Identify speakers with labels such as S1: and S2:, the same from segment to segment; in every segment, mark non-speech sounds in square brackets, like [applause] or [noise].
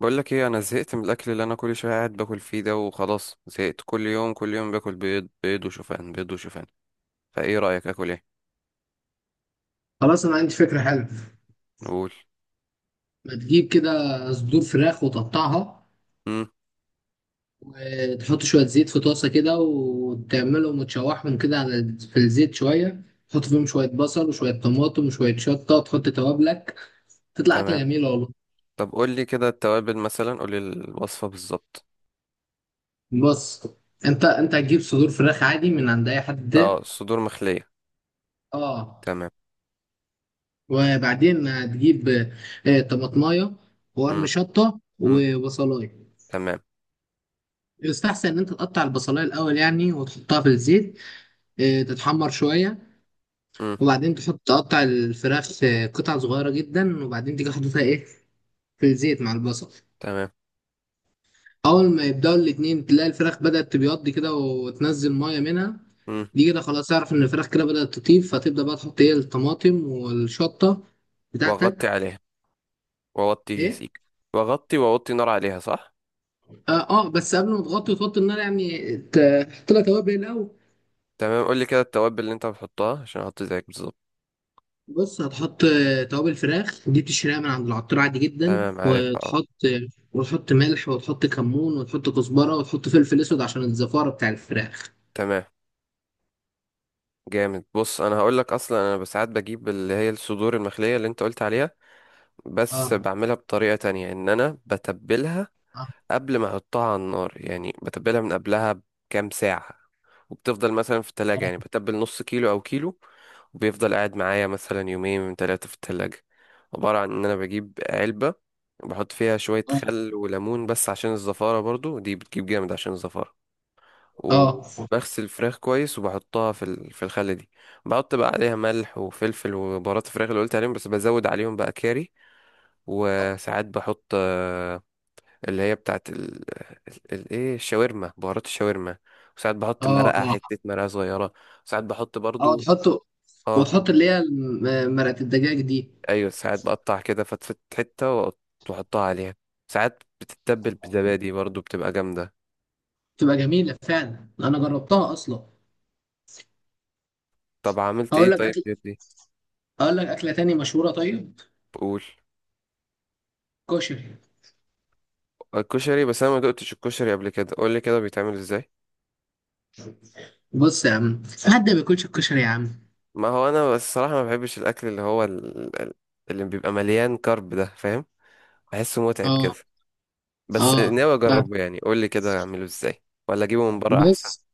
S1: بقول لك ايه؟ انا زهقت من الاكل اللي انا كل شويه قاعد باكل فيه ده، وخلاص زهقت، كل يوم كل يوم باكل بيض، بيض وشوفان، بيض وشوفان. فايه رايك اكل ايه؟
S2: خلاص، انا عندي فكره حلوه.
S1: نقول.
S2: ما تجيب كده؟ صدور فراخ وتقطعها.
S1: امم.
S2: تحط شويه زيت في طاسه كده، وتعملهم وتشوحهم كده على في الزيت شويه. تحط فيهم شويه بصل وشويه طماطم وشويه شطه، تحط توابلك. تطلع اكله
S1: تمام.
S2: جميله والله.
S1: طب قول لي كده التوابل مثلا، قول لي الوصفه بالظبط.
S2: بص، انت هتجيب صدور فراخ عادي من عند اي
S1: اه
S2: حد.
S1: الصدور مخليه.
S2: اه،
S1: تمام.
S2: وبعدين هتجيب طماطمايه وقرن
S1: امم
S2: شطه
S1: امم.
S2: وبصلايه.
S1: تمام.
S2: يستحسن ان انت تقطع البصلايه الاول يعني وتحطها في الزيت، تتحمر شويه.
S1: امم.
S2: وبعدين تقطع الفراخ في قطع صغيرة جدا، وبعدين تيجي حاططها ايه في الزيت مع البصل.
S1: تمام.
S2: أول ما يبدأوا الاتنين تلاقي الفراخ بدأت تبيض كده وتنزل مية منها.
S1: امم.
S2: دي كده خلاص، اعرف إن الفراخ كده بدأت تطيب، فتبدأ بقى تحط ايه الطماطم والشطة
S1: واغطي
S2: بتاعتك.
S1: عليها. واوطي
S2: ايه؟
S1: سيك. واغطي واوطي نار عليها، صح؟
S2: اه، بس قبل ما تغطي وتوطي النار، يعني تحط لها توابل الأول.
S1: تمام، قول لي كده التوابل اللي انت بتحطها عشان احط زيك بالظبط.
S2: بص، هتحط توابل فراخ دي بتشتريها من عند العطار عادي جدا،
S1: تمام عارفها اه.
S2: وتحط، وتحط ملح وتحط كمون وتحط كزبرة وتحط فلفل اسود عشان الزفارة بتاع الفراخ.
S1: تمام. جامد، بص انا هقول لك. اصلا انا ساعات بجيب اللي هي الصدور المخليه اللي انت قلت عليها، بس
S2: اه،
S1: بعملها بطريقه تانية، ان انا بتبلها
S2: اه،
S1: قبل ما احطها على النار يعني. بتبلها من قبلها بكام ساعه، وبتفضل مثلا في التلاجة. يعني بتبل نص كيلو او كيلو، وبيفضل قاعد معايا مثلا يومين من ثلاثه في التلاجة. عباره عن ان انا بجيب علبه وبحط فيها شويه
S2: اه،
S1: خل وليمون، بس عشان الزفاره، برضو دي بتجيب جامد عشان الزفاره.
S2: اه،
S1: وبغسل الفراخ كويس وبحطها في في الخلة دي. بحط بقى عليها ملح وفلفل وبهارات الفراخ اللي قلت عليهم، بس بزود عليهم بقى كاري. وساعات بحط اللي هي بتاعت ايه، الشاورما، بهارات الشاورما. وساعات بحط
S2: اه،
S1: مرقة،
S2: اه،
S1: حتة مرقة صغيرة. وساعات بحط
S2: اه،
S1: برضو،
S2: تحطه.
S1: اه.
S2: وتحط اللي هي مرقة الدجاج دي.
S1: ايوه، ساعات بقطع كده فتفت حتة، واحطها عليها. ساعات بتتبل بزبادي برضو، بتبقى جامدة.
S2: بتبقى جميلة فعلا، انا جربتها اصلا.
S1: طب عملت ايه
S2: هقول لك
S1: طيب
S2: اكل
S1: غير دي؟
S2: هقول لك اكلة تاني مشهورة، طيب.
S1: قول.
S2: كشري.
S1: الكشري، بس انا ما دقتش الكشري قبل كده، قول لي كده بيتعمل ازاي.
S2: بص يا عم، حد ما بياكلش الكشري يا عم.
S1: ما هو انا بس الصراحه ما بحبش الاكل اللي هو اللي بيبقى مليان كارب ده، فاهم؟ بحسه متعب كده.
S2: اه،
S1: بس
S2: اه،
S1: ناوي اجربه يعني، قول لي كده اعمله ازاي، ولا اجيبه من بره احسن؟
S2: بص.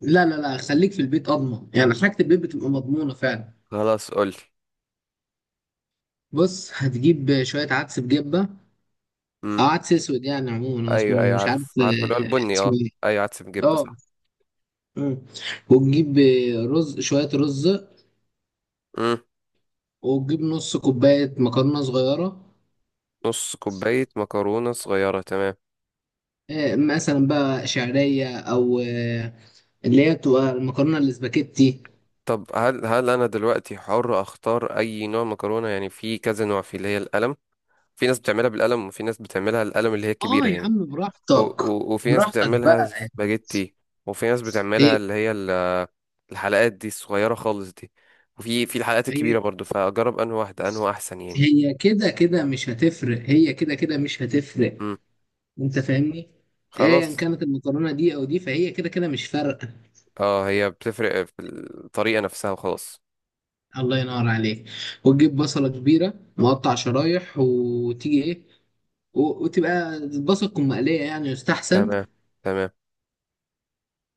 S2: لا، لا، لا، خليك في البيت اضمن، يعني حاجه البيت بتبقى مضمونه فعلا.
S1: خلاص قول لي.
S2: بص، هتجيب شويه عدس بجبه او
S1: امم.
S2: عدس اسود، يعني عموما هو
S1: ايوه
S2: اسمه
S1: ايوه،
S2: مش عارف،
S1: عارف عارف اللي هو البني،
S2: اسمه
S1: اه.
S2: ايه.
S1: ايوه عدس بجبه،
S2: اه.
S1: صح.
S2: مم. وتجيب شويه رز.
S1: امم.
S2: وتجيب نص كوبايه مكرونه صغيره،
S1: نص كوبايه مكرونه صغيره، تمام.
S2: مثلا بقى شعريه، او اللي هي بتبقى المكرونه الاسباجيتي.
S1: طب هل انا دلوقتي حر اختار اي نوع مكرونه يعني؟ في كذا نوع، في اللي هي القلم، في ناس بتعملها بالقلم، وفي ناس بتعملها القلم اللي هي
S2: اه
S1: كبيرة
S2: يا
S1: يعني،
S2: عم، براحتك.
S1: وفي ناس
S2: براحتك
S1: بتعملها
S2: بقى.
S1: سباجيتي، وفي ناس
S2: هي
S1: بتعملها اللي هي الحلقات دي الصغيرة خالص دي، وفي الحلقات
S2: هي
S1: الكبيرة برضو. فأجرب أنهي واحدة أنهي أحسن يعني؟
S2: هي كده كده مش هتفرق، هي كده كده مش هتفرق.
S1: مم.
S2: انت فاهمني؟ ايا
S1: خلاص.
S2: كانت المكرونه دي او دي، فهي كده كده مش فارقه.
S1: اه، هي بتفرق في الطريقة نفسها وخلاص.
S2: الله ينور عليك. وتجيب بصله كبيره مقطع شرايح وتيجي ايه، وتبقى البصل تكون مقليه يعني يستحسن.
S1: تمام. تمام.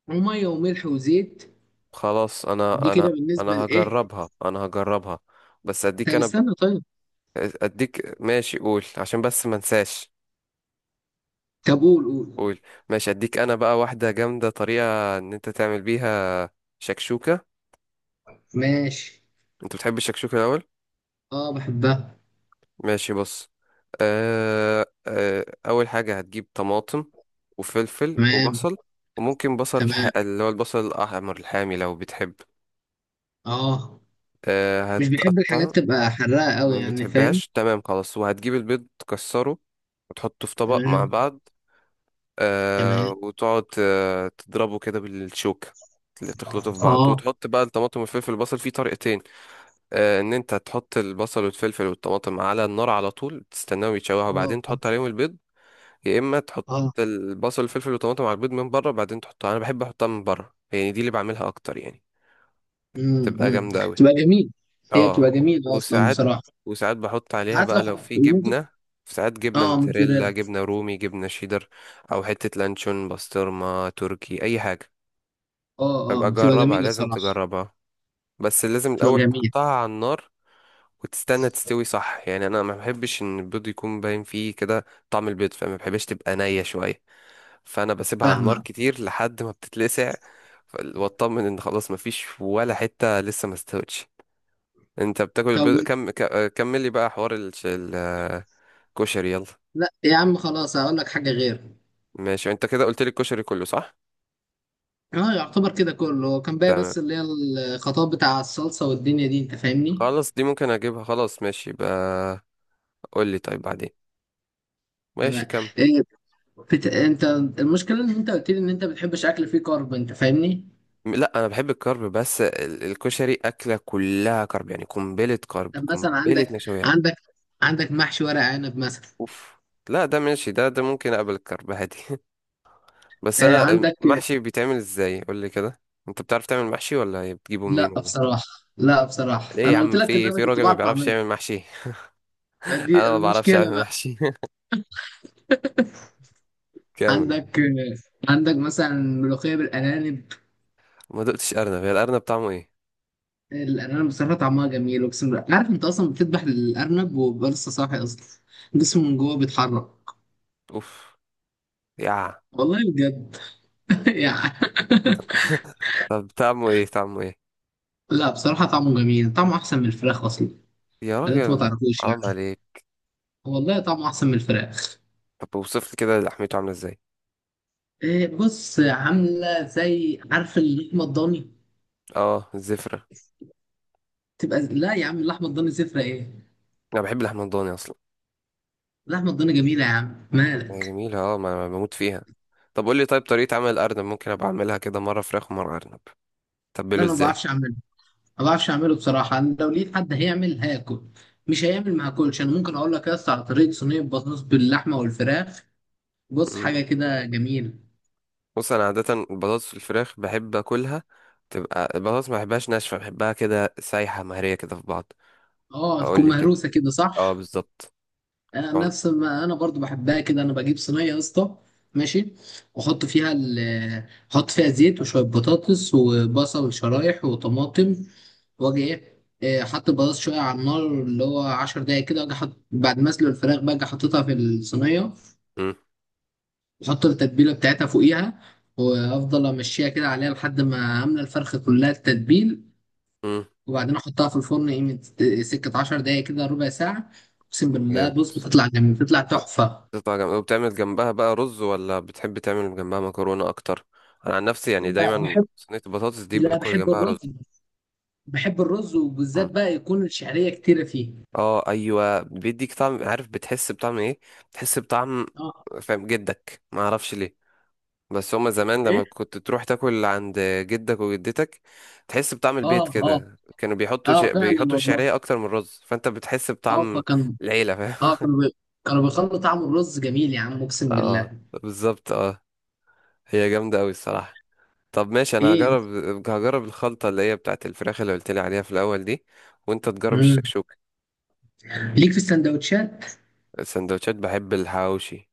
S2: وميه وملح وزيت.
S1: خلاص،
S2: دي
S1: أنا أنا
S2: كده
S1: أنا
S2: بالنسبه لايه.
S1: هجربها، أنا هجربها. بس أديك
S2: طب استنى طيب.
S1: أديك، ماشي قول عشان بس ما انساش.
S2: طب قول قول.
S1: قول. ماشي، أديك أنا بقى واحدة جامدة طريقة إن أنت تعمل بيها: شكشوكة.
S2: ماشي.
S1: انت بتحب الشكشوكة الاول؟
S2: اه، بحبها.
S1: ماشي بص. اول حاجة هتجيب طماطم وفلفل
S2: تمام،
S1: وبصل، وممكن بصل
S2: تمام.
S1: اللي هو البصل الاحمر الحامي لو بتحب.
S2: اه، مش بحب
S1: هتقطع.
S2: الحاجات تبقى حراقه قوي،
S1: ما
S2: يعني فاهم؟
S1: بتحبهاش، تمام خلاص. وهتجيب البيض تكسره وتحطه في طبق مع
S2: تمام،
S1: بعض.
S2: تمام.
S1: وتقعد تضربه كده بالشوكة، اللي تخلطه في بعض.
S2: اه،
S1: وتحط بقى الطماطم والفلفل والبصل في طريقتين: ان انت تحط البصل والفلفل والطماطم على النار على طول، تستناهم يتشوحوا،
S2: اه،
S1: بعدين تحط عليهم البيض. يا اما تحط
S2: اه.
S1: البصل والفلفل والطماطم على البيض من بره، بعدين تحطها. انا بحب احطها من بره يعني، دي اللي بعملها اكتر يعني. تبقى جامده قوي،
S2: بتبقى جميل. هي
S1: اه.
S2: بتبقى جميلة أصلا
S1: وساعات
S2: بصراحة.
S1: وساعات بحط عليها
S2: ساعات لو
S1: بقى لو في
S2: ممكن.
S1: جبنه، ساعات جبنه
S2: اه، موتزاريلا.
S1: موتزاريلا، جبنه رومي، جبنه شيدر، او حته لانشون، بسطرمه تركي، اي حاجه.
S2: اه،
S1: فابقى
S2: اه، بتبقى
S1: جربها،
S2: جميلة
S1: لازم
S2: صراحة.
S1: تجربها. بس لازم
S2: بتبقى
S1: الاول
S2: جميلة.
S1: تحطها على النار وتستنى تستوي صح يعني. انا ما بحبش ان البيض يكون باين فيه كده طعم البيض، فما بحبش تبقى نية شوية، فانا بسيبها على النار
S2: فاهمة.
S1: كتير لحد ما بتتلسع. واطمن ان خلاص ما فيش ولا حتة لسه ما استوتش. انت بتاكل البيض
S2: كون
S1: كم ك- آه، كمل لي بقى حوار الكشري يلا.
S2: لا يا عم، خلاص هقول لك حاجة غير.
S1: ماشي، انت كده قلت لي الكشري كله، صح؟
S2: اه، يعتبر كده كله هو كان باقي،
S1: تمام.
S2: بس اللي هي الخطاب بتاع الصلصة والدنيا دي، أنت فاهمني؟
S1: خلاص دي ممكن اجيبها، خلاص ماشي بقى. قول لي طيب بعدين. ماشي
S2: تمام.
S1: كمل.
S2: إيه. أنت، المشكلة إن أنت قلت لي إن أنت بتحبش أكل فيه كارب، أنت فاهمني؟
S1: لا انا بحب الكرب، بس الكشري اكله كلها كرب يعني، قنبله كرب،
S2: طب مثلا
S1: قنبله
S2: عندك
S1: نشويات.
S2: عندك عندك محشي ورق عنب مثلا،
S1: اوف. لا ده ماشي، ده ممكن اقبل الكرب عادي [laughs] بس انا،
S2: عندك.
S1: محشي بيتعمل ازاي؟ قول لي كده. انت بتعرف تعمل محشي ولا إيه؟ بتجيبه
S2: لا
S1: منين ولا إيه؟
S2: بصراحة. لا بصراحة،
S1: ليه يا
S2: أنا قلت
S1: عم،
S2: لك اللي
S1: في
S2: أنا
S1: في
S2: كنت
S1: راجل ما
S2: بعرف
S1: بيعرفش
S2: أعمله.
S1: يعمل محشي [laughs]
S2: دي
S1: انا ما بعرفش
S2: المشكلة
S1: اعمل
S2: بقى.
S1: محشي [laughs] كامل.
S2: عندك عندك مثلا ملوخية بالأرانب.
S1: ما دقتش ارنب. هي الارنب طعمه ايه؟
S2: الأرانب بصراحة طعمها جميل، أقسم بالله. عارف أنت، أصلا بتذبح الأرنب وبيبقى لسه صاحي أصلا، جسمه من جوه بيتحرك.
S1: اوف. يا.
S2: والله بجد. [laughs] يعني.
S1: طب طعمه ايه، طعمه ايه؟
S2: لا بصراحة، طعمه جميل، طعمه أحسن من الفراخ أصلا،
S1: يا
S2: اللي أنت ما
S1: راجل
S2: تعرفوش يعني.
S1: حرام عليك.
S2: والله طعمه أحسن من الفراخ.
S1: طب اوصف لي كده لحمته عامله ازاي.
S2: بص، عاملة زي عارف اللحمة الضاني.
S1: اه الزفره.
S2: تبقى لا يا عم، اللحمة الضاني زفرة إيه،
S1: انا بحب اللحمه الضاني اصلا.
S2: لحمة الضاني جميلة يا عم
S1: هي
S2: مالك.
S1: جميلة اه، ما انا بموت فيها. طب قول لي طيب طريقة عمل الأرنب، ممكن أبقى أعملها كده مرة فراخ ومرة أرنب.
S2: لا،
S1: تبله
S2: انا ما
S1: إزاي؟
S2: بعرفش اعمله. ما بعرفش اعمله بصراحة، انا لو لقيت حد هيعمل هاكل، مش هيعمل ما هاكلش. انا ممكن اقول لك يا اسطى على طريقة صينية بطاطس باللحمة والفراخ. بص،
S1: مم.
S2: حاجة كده جميلة.
S1: بص، أنا عادة البطاطس الفراخ بحب أكلها، تبقى البطاطس ما بحبهاش ناشفة، بحبها كده سايحة مهرية كده في بعض.
S2: اه،
S1: فقول
S2: تكون
S1: لي كده.
S2: مهروسة كده
S1: اه
S2: صح.
S1: بالظبط.
S2: انا
S1: طعم-
S2: نفس ما انا برضو بحبها كده، انا بجيب صينيه يا اسطى. ماشي. واحط فيها ال احط فيها زيت وشويه بطاطس وبصل شرايح وطماطم. واجي ايه، حط البطاطس شويه على النار، اللي هو 10 دقايق كده، واجي حط بعد ما اسلق الفراخ بقى، اجي حاططها في الصينيه.
S1: مم.
S2: واحط التتبيله بتاعتها فوقيها، وافضل امشيها كده عليها لحد ما املى الفرخه كلها التتبيل.
S1: مم.
S2: وبعدين احطها في الفرن قيمه سكه 10 دقايق كده، ربع ساعه. اقسم بالله،
S1: جامد.
S2: بص بتطلع جميل، بتطلع تحفه.
S1: بتطلع جامد. وبتعمل جنبها بقى رز، ولا بتحب تعمل جنبها مكرونة أكتر؟ أنا عن نفسي يعني
S2: لا،
S1: دايما
S2: بحب.
S1: صينية البطاطس دي
S2: لا،
S1: باكل
S2: بحب
S1: جنبها
S2: الرز.
S1: رز.
S2: بحب الرز، وبالذات بقى يكون الشعرية كتيرة فيه.
S1: اه ايوه، بيديك طعم، عارف بتحس بطعم ايه؟ بتحس بطعم
S2: اه.
S1: فاهم جدك، ما اعرفش ليه. بس هما زمان
S2: ايه.
S1: لما كنت تروح تاكل عند جدك وجدتك تحس بطعم
S2: اه،
S1: البيت
S2: اه.
S1: كده. كانوا بيحطوا
S2: اه فعلا
S1: بيحطوا
S2: والله.
S1: الشعريه اكتر من الرز، فانت بتحس
S2: اه
S1: بطعم
S2: فكان،
S1: العيله،
S2: اه،
S1: فاهم؟
S2: كانوا بيخلوا طعم الرز جميل يا عم،
S1: [laughs]
S2: اقسم
S1: اه
S2: بالله.
S1: بالظبط اه. هي جامده قوي الصراحه. طب ماشي، انا
S2: ايه انت؟
S1: هجرب. هجرب الخلطه اللي هي بتاعت الفراخ اللي قلت لي عليها في الاول دي. وانت تجرب
S2: مم.
S1: الشكشوك.
S2: ليك في السندوتشات.
S1: السندوتشات بحب الحواوشي.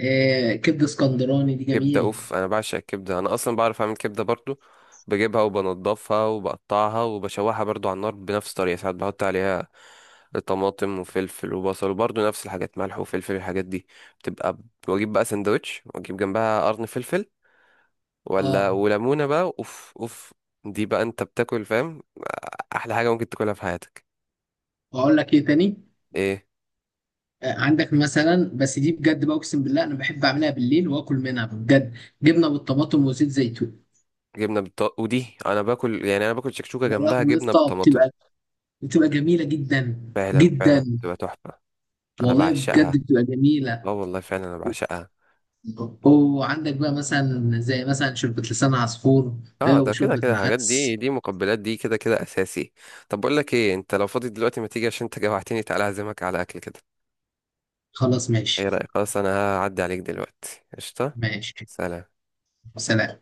S2: كبدة اسكندراني دي
S1: كبدة،
S2: جميل.
S1: اوف انا بعشق الكبدة. انا اصلا بعرف اعمل كبدة برضو. بجيبها وبنضفها وبقطعها وبشوحها برضو على النار بنفس الطريقة. ساعات بحط عليها طماطم وفلفل وبصل، وبرضو نفس الحاجات، ملح وفلفل الحاجات دي. بتبقى واجيب بقى سندوتش واجيب جنبها قرن فلفل، ولا
S2: اه،
S1: وليمونة بقى، اوف اوف. دي بقى انت بتاكل، فاهم، احلى حاجة ممكن تاكلها في حياتك.
S2: واقول لك ايه تاني.
S1: ايه.
S2: عندك مثلا، بس دي بجد بقى اقسم بالله، انا بحب اعملها بالليل واكل منها بجد. جبنه بالطماطم وزيت زيتون.
S1: ودي انا باكل يعني، انا باكل شكشوكة
S2: يا
S1: جنبها
S2: لهوي يا
S1: جبنة
S2: اسطى،
S1: بالطماطم.
S2: بتبقى جميلة جدا،
S1: فعلا فعلا
S2: جدا،
S1: بتبقى تحفة. انا
S2: والله بجد
S1: بعشقها.
S2: بتبقى
S1: اه
S2: جميلة.
S1: والله فعلا انا بعشقها.
S2: وعندك بقى مثلا زي مثلا شوربة لسان عصفور،
S1: اه، ده كده
S2: وشوربة
S1: كده الحاجات دي،
S2: العدس.
S1: دي مقبلات، دي كده كده اساسي. طب بقول لك ايه، انت لو فاضي دلوقتي ما تيجي؟ عشان انت جوعتني، تعالى اعزمك على اكل كده.
S2: خلاص
S1: ايه
S2: ماشي.
S1: رايك؟ خلاص انا هعدي عليك دلوقتي، قشطه.
S2: ماشي.
S1: سلام.
S2: سلام.